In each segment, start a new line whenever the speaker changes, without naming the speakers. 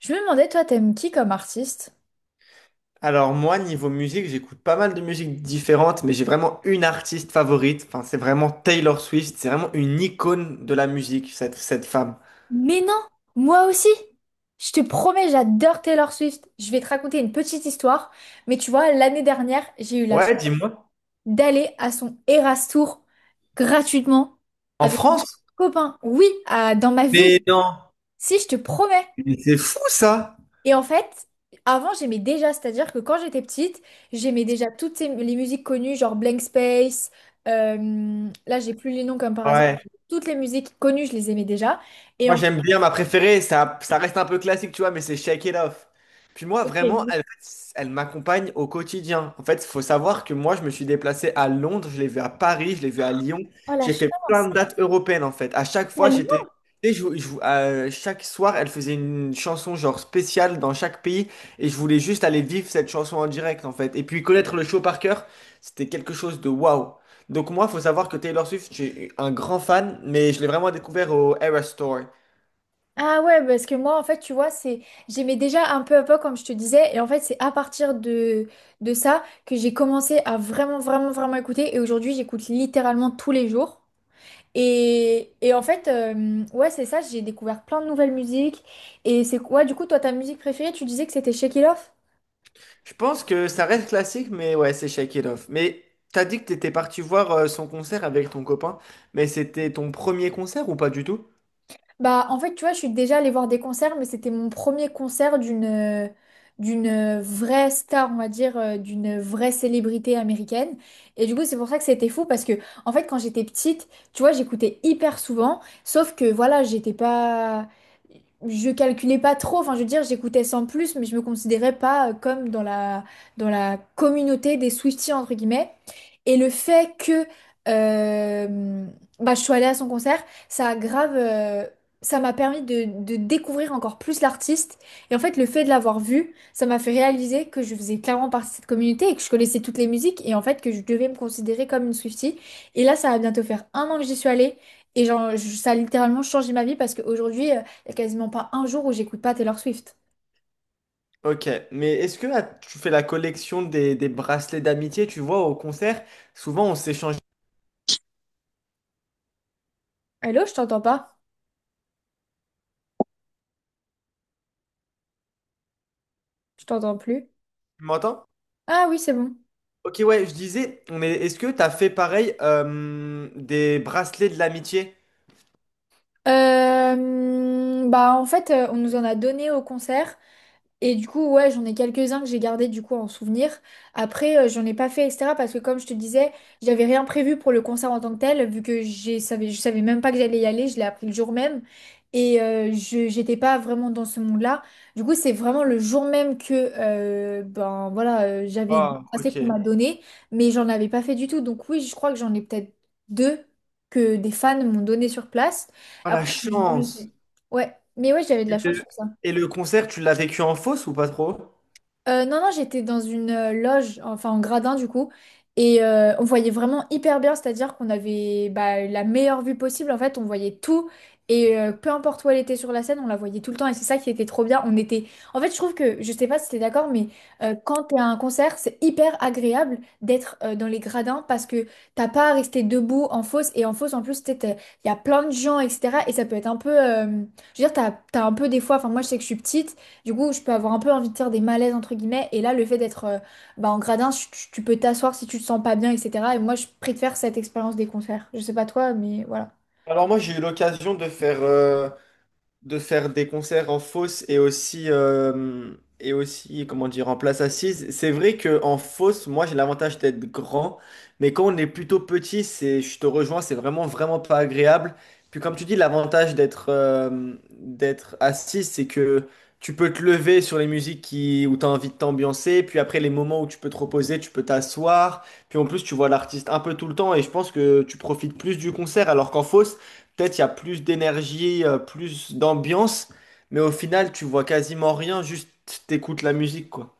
Je me demandais, toi, t'aimes qui comme artiste?
Alors moi, niveau musique, j'écoute pas mal de musiques différentes, mais j'ai vraiment une artiste favorite. Enfin, c'est vraiment Taylor Swift. C'est vraiment une icône de la musique, cette femme.
Mais non, moi aussi. Je te promets, j'adore Taylor Swift. Je vais te raconter une petite histoire. Mais tu vois, l'année dernière, j'ai eu la chance
Ouais, dis-moi.
d'aller à son Eras Tour gratuitement
En
avec mon
France?
copain. Oui, dans ma ville.
Mais non.
Si, je te promets.
Mais c'est fou ça.
Et en fait, Avant, j'aimais déjà. C'est-à-dire que quand j'étais petite, j'aimais déjà les musiques connues, genre Blank Space. Là, j'ai plus les noms comme par hasard.
Ouais.
Toutes les musiques connues, je les aimais déjà. Et
Moi,
en
j'aime bien ma préférée. Ça reste un peu classique, tu vois, mais c'est Shake It Off. Puis moi,
Ok.
vraiment, elle, elle m'accompagne au quotidien. En fait, il faut savoir que moi, je me suis déplacé à Londres, je l'ai vu à Paris, je l'ai vu à Lyon.
Oh la
J'ai fait
chance.
plein de dates européennes, en fait. À chaque
À
fois,
Lyon.
j'étais. Et chaque soir, elle faisait une chanson genre spéciale dans chaque pays. Et je voulais juste aller vivre cette chanson en direct, en fait. Et puis connaître le show par cœur, c'était quelque chose de waouh. Donc moi, il faut savoir que Taylor Swift, j'ai un grand fan, mais je l'ai vraiment découvert au Eras Tour.
Ah ouais, parce que moi, en fait, tu vois, c'est j'aimais déjà un peu à peu, comme je te disais. Et en fait, c'est à partir de ça que j'ai commencé à vraiment, vraiment, vraiment écouter. Et aujourd'hui, j'écoute littéralement tous les jours. En fait, ouais, c'est ça, j'ai découvert plein de nouvelles musiques. Et c'est quoi, du coup, toi, ta musique préférée, tu disais que c'était Shake It Off?
Je pense que ça reste classique, mais ouais, c'est Shake It Off. Mais t'as dit que t'étais parti voir son concert avec ton copain, mais c'était ton premier concert ou pas du tout?
Bah, en fait, tu vois, je suis déjà allée voir des concerts, mais c'était mon premier concert d'une vraie star, on va dire, d'une vraie célébrité américaine. Et du coup, c'est pour ça que c'était fou, parce que, en fait, quand j'étais petite, tu vois, j'écoutais hyper souvent, sauf que, voilà, j'étais pas... Je calculais pas trop, enfin, je veux dire, j'écoutais sans plus, mais je me considérais pas comme dans la communauté des Swifties, entre guillemets. Et le fait que euh, bah, je suis allée à son concert, ça a grave... ça m'a permis de découvrir encore plus l'artiste. Et en fait, le fait de l'avoir vu, ça m'a fait réaliser que je faisais clairement partie de cette communauté et que je connaissais toutes les musiques et en fait que je devais me considérer comme une Swiftie. Et là, ça va bientôt faire un an que j'y suis allée. Et genre, ça a littéralement changé ma vie parce qu'aujourd'hui, il n'y a quasiment pas un jour où j'écoute pas Taylor Swift.
Ok, mais est-ce que là, tu fais la collection des bracelets d'amitié, tu vois, au concert, souvent on s'échange,
Hello, je t'entends pas. Je t'entends plus.
tu m'entends?
Ah oui, c'est bon.
Ok, ouais, je disais, mais est-ce que t'as fait pareil des bracelets de l'amitié?
Bah en fait, on nous en a donné au concert. Et du coup, ouais, j'en ai quelques-uns que j'ai gardés du coup en souvenir. Après, j'en ai pas fait, etc. Parce que comme je te disais, j'avais rien prévu pour le concert en tant que tel, vu que je savais même pas que j'allais y aller, je l'ai appris le jour même. Et je j'étais pas vraiment dans ce monde-là. Du coup, c'est vraiment le jour même que ben voilà, j'avais dit
Wow,
assez qu'on
ok.
m'a donné, mais j'en avais pas fait du tout. Donc oui, je crois que j'en ai peut-être deux que des fans m'ont donné sur place.
Oh, la
Après, j'en ai jamais
chance!
fait. Ouais, mais ouais, j'avais de la
Et
chance
le,
sur ça.
et le concert, tu l'as vécu en fosse ou pas trop?
Non, non, j'étais dans une loge, enfin en gradin du coup, et on voyait vraiment hyper bien, c'est-à-dire qu'on avait bah, la meilleure vue possible, en fait, on voyait tout, et peu importe où elle était sur la scène, on la voyait tout le temps, et c'est ça qui était trop bien. On était... En fait, je trouve que, je sais pas si t'es d'accord, mais quand t'es à un concert, c'est hyper agréable d'être dans les gradins, parce que t'as pas à rester debout en fosse, et en fosse, en plus, il y a plein de gens, etc., et ça peut être un peu... Je veux dire, t'as un peu des fois, enfin moi je sais que je suis petite, du coup, je peux avoir un peu envie de faire des malaises, entre guillemets. Et là, le fait d'être bah, en gradin, tu peux t'asseoir si tu te sens pas bien, etc. Et moi, je préfère cette expérience des concerts. Je sais pas toi, mais voilà.
Alors moi, j'ai eu l'occasion de faire des concerts en fosse et aussi, comment dire, en place assise. C'est vrai que en fosse, moi, j'ai l'avantage d'être grand, mais quand on est plutôt petit, c'est, je te rejoins, c'est vraiment, vraiment pas agréable. Puis comme tu dis, l'avantage d'être assis, c'est que tu peux te lever sur les musiques qui, où tu as envie de t'ambiancer, puis après les moments où tu peux te reposer, tu peux t'asseoir, puis en plus tu vois l'artiste un peu tout le temps et je pense que tu profites plus du concert alors qu'en fosse, peut-être il y a plus d'énergie, plus d'ambiance, mais au final, tu vois quasiment rien, juste t'écoutes la musique, quoi.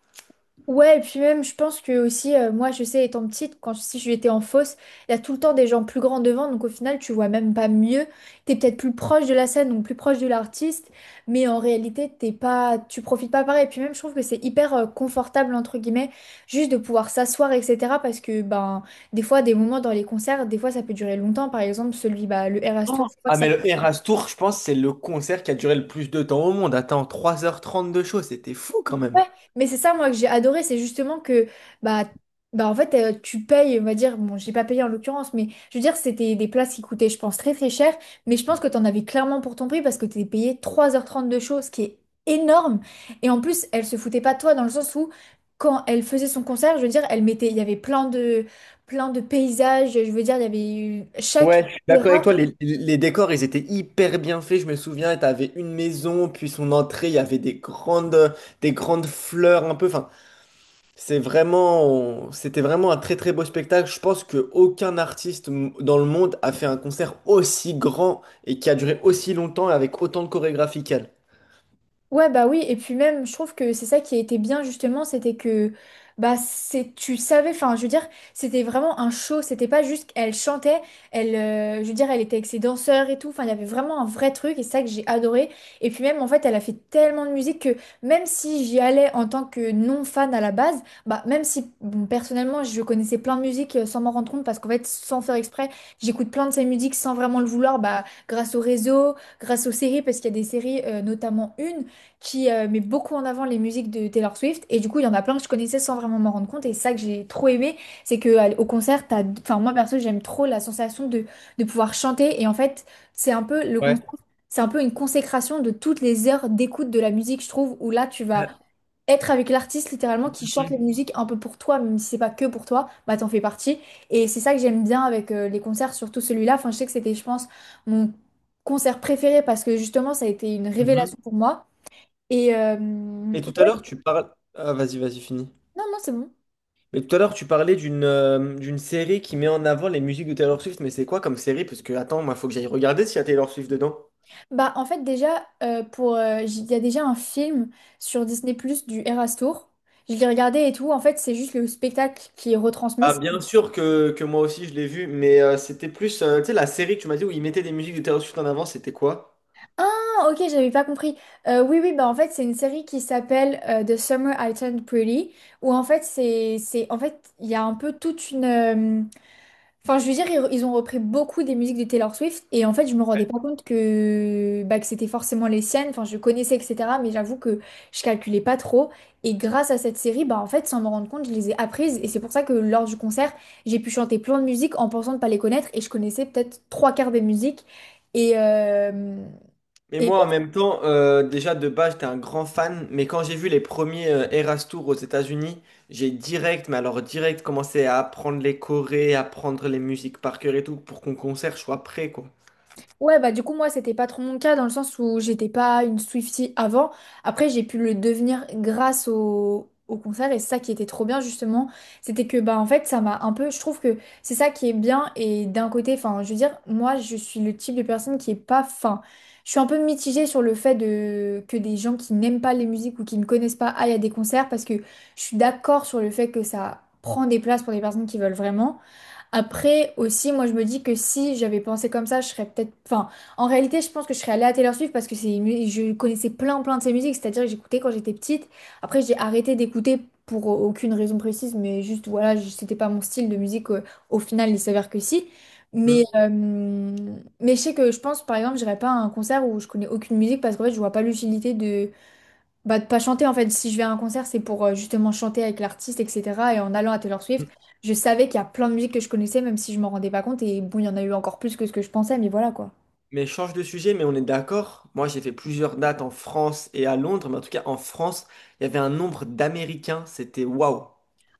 Ouais, et puis même, je pense que aussi, moi, je sais, étant petite, quand si j'étais en fosse, il y a tout le temps des gens plus grands devant, donc au final, tu vois même pas mieux. T'es peut-être plus proche de la scène, donc plus proche de l'artiste, mais en réalité, t'es pas, tu profites pas pareil. Et puis même, je trouve que c'est hyper confortable, entre guillemets, juste de pouvoir s'asseoir, etc. Parce que, ben, des fois, des moments dans les concerts, des fois, ça peut durer longtemps. Par exemple, bah, le Eras Tour, je crois
Ah,
que ça
mais le Eras Tour, je pense, c'est le concert qui a duré le plus de temps au monde. Attends, 3 h 30 de show, c'était fou quand même.
Ouais, mais c'est ça moi que j'ai adoré, c'est justement que bah bah en fait tu payes, on va dire, bon j'ai pas payé en l'occurrence, mais je veux dire c'était des places qui coûtaient je pense très très cher, mais je pense que t'en avais clairement pour ton prix parce que t'es payé 3h30 de show, ce qui est énorme. Et en plus elle se foutait pas de toi dans le sens où quand elle faisait son concert, je veux dire elle mettait, il y avait plein de paysages, je veux dire il y avait eu- chaque
Ouais, je suis d'accord avec toi, les décors, ils étaient hyper bien faits, je me souviens, t'avais une maison, puis son entrée, il y avait des grandes fleurs un peu, enfin, c'est vraiment, c'était vraiment un très très beau spectacle. Je pense que aucun artiste m- dans le monde a fait un concert aussi grand et qui a duré aussi longtemps et avec autant de chorégraphie qu'elle.
Ouais, bah oui, et puis même, je trouve que c'est ça qui était bien justement, c'était que bah c'est tu savais, enfin je veux dire, c'était vraiment un show, c'était pas juste elle chantait, elle je veux dire, elle était avec ses danseurs et tout, enfin il y avait vraiment un vrai truc et c'est ça que j'ai adoré. Et puis même en fait, elle a fait tellement de musique que même si j'y allais en tant que non fan à la base, bah même si bon, personnellement, je connaissais plein de musiques sans m'en rendre compte parce qu'en fait, sans faire exprès, j'écoute plein de ses musiques sans vraiment le vouloir, bah grâce au réseau, grâce aux séries parce qu'il y a des séries notamment une qui met beaucoup en avant les musiques de Taylor Swift. Et du coup, il y en a plein que je connaissais sans vraiment m'en rendre compte. Et c'est ça que j'ai trop aimé, c'est que au concert, t'as... Enfin, moi perso, j'aime trop la sensation de pouvoir chanter. Et en fait, c'est un peu le
Ouais.
concert, c'est un peu une consécration de toutes les heures d'écoute de la musique, je trouve, où là, tu vas
Euh,
être avec l'artiste littéralement qui chante les musiques un peu pour toi, même si c'est pas que pour toi, bah t'en fais partie. Et c'est ça que j'aime bien avec les concerts, surtout celui-là. Enfin, je sais que c'était, je pense, mon concert préféré parce que justement, ça a été une
mhm.
révélation pour moi. Et, euh,
Et
et
tout à
ouais,
l'heure, tu parles. Ah, vas-y, vas-y, fini.
non, non, c'est bon.
Mais tout à l'heure, tu parlais d'une série qui met en avant les musiques de Taylor Swift. Mais c'est quoi comme série? Parce que, attends, moi, faut que j'aille regarder s'il y a Taylor Swift dedans.
Bah, en fait, déjà, il y a déjà un film sur Disney+, Plus du Eras Tour. Je l'ai regardé et tout. En fait, c'est juste le spectacle qui est retransmis.
Ah, bien sûr que moi aussi, je l'ai vu. Mais c'était plus, tu sais, la série que tu m'as dit où ils mettaient des musiques de Taylor Swift en avant, c'était quoi?
Ah, ok, j'avais pas compris. Oui, oui, bah, en fait, c'est une série qui s'appelle The Summer I Turned Pretty, où en fait, en fait, il y a un peu toute une, Enfin, je veux dire, ils ont repris beaucoup des musiques de Taylor Swift et en fait, je me rendais pas compte que, bah, que c'était forcément les siennes. Enfin, je connaissais, etc. Mais j'avoue que je calculais pas trop. Et grâce à cette série, bah, en fait, sans me rendre compte, je les ai apprises. Et c'est pour ça que lors du concert, j'ai pu chanter plein de musiques en pensant ne pas les connaître. Et je connaissais peut-être trois quarts des musiques. Et, euh,
Mais
et
moi, en même temps, déjà de base, j'étais un grand fan, mais quand j'ai vu les premiers Eras Tour aux États-Unis, j'ai direct, mais alors direct, commencé à apprendre les chorés, apprendre les musiques par cœur et tout, pour qu'on concert, soit prêt, quoi.
Ouais, bah du coup, moi, c'était pas trop mon cas dans le sens où j'étais pas une Swiftie avant. Après, j'ai pu le devenir grâce au concert et c'est ça qui était trop bien, justement. C'était que, bah en fait, ça m'a un peu. Je trouve que c'est ça qui est bien et d'un côté, enfin, je veux dire, moi, je suis le type de personne qui est pas fin. Je suis un peu mitigée sur le fait de... que des gens qui n'aiment pas les musiques ou qui ne connaissent pas aillent à des concerts parce que je suis d'accord sur le fait que ça prend des places pour des personnes qui veulent vraiment. Après aussi, moi je me dis que si j'avais pensé comme ça, je serais peut-être. Enfin, en réalité, je pense que je serais allée à Taylor Swift parce que c'est je connaissais plein de ses musiques, c'est-à-dire que j'écoutais quand j'étais petite. Après, j'ai arrêté d'écouter pour aucune raison précise, mais juste voilà, c'était pas mon style de musique. Au final, il s'avère que si. Mais,
Mhm.
euh, mais je sais que je pense, par exemple, j'irais pas à un concert où je connais aucune musique parce qu'en fait, je vois pas l'utilité bah, de pas chanter en fait. Si je vais à un concert, c'est pour justement chanter avec l'artiste, etc. Et en allant à Taylor Swift, je savais qu'il y a plein de musiques que je connaissais, même si je m'en rendais pas compte. Et bon, il y en a eu encore plus que ce que je pensais, mais voilà quoi.
Mais change de sujet, mais on est d'accord. Moi, j'ai fait plusieurs dates en France et à Londres, mais en tout cas, en France, il y avait un nombre d'Américains, c'était waouh.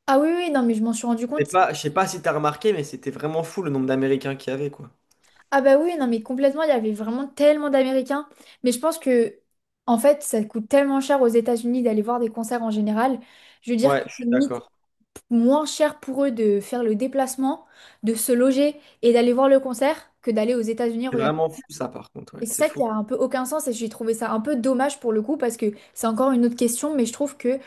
Ah oui, oui, non, mais je m'en suis rendu
C'est
compte.
pas, je sais pas si t'as remarqué, mais c'était vraiment fou le nombre d'Américains qu'il y avait, quoi.
Ah bah oui, non, mais complètement, il y avait vraiment tellement d'Américains. Mais je pense que, en fait, ça coûte tellement cher aux États-Unis d'aller voir des concerts en général. Je veux dire que
Ouais, je
c'est
suis
limite
d'accord.
moins cher pour eux de faire le déplacement, de se loger et d'aller voir le concert que d'aller aux États-Unis.
C'est vraiment fou, ça, par contre, ouais,
Et c'est
c'est
ça qui
fou.
a un peu aucun sens et j'ai trouvé ça un peu dommage pour le coup parce que c'est encore une autre question, mais je trouve que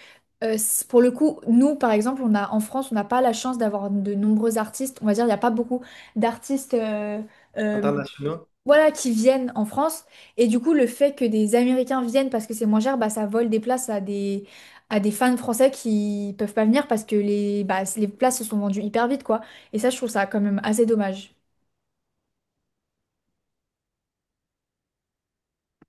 pour le coup, nous par exemple, on a en France, on n'a pas la chance d'avoir de nombreux artistes. On va dire, il n'y a pas beaucoup d'artistes euh,
Internationaux.
voilà, qui viennent en France. Et du coup, le fait que des Américains viennent parce que c'est moins cher, bah, ça vole des places à des fans français qui peuvent pas venir parce que bah, les places se sont vendues hyper vite, quoi. Et ça, je trouve ça quand même assez dommage.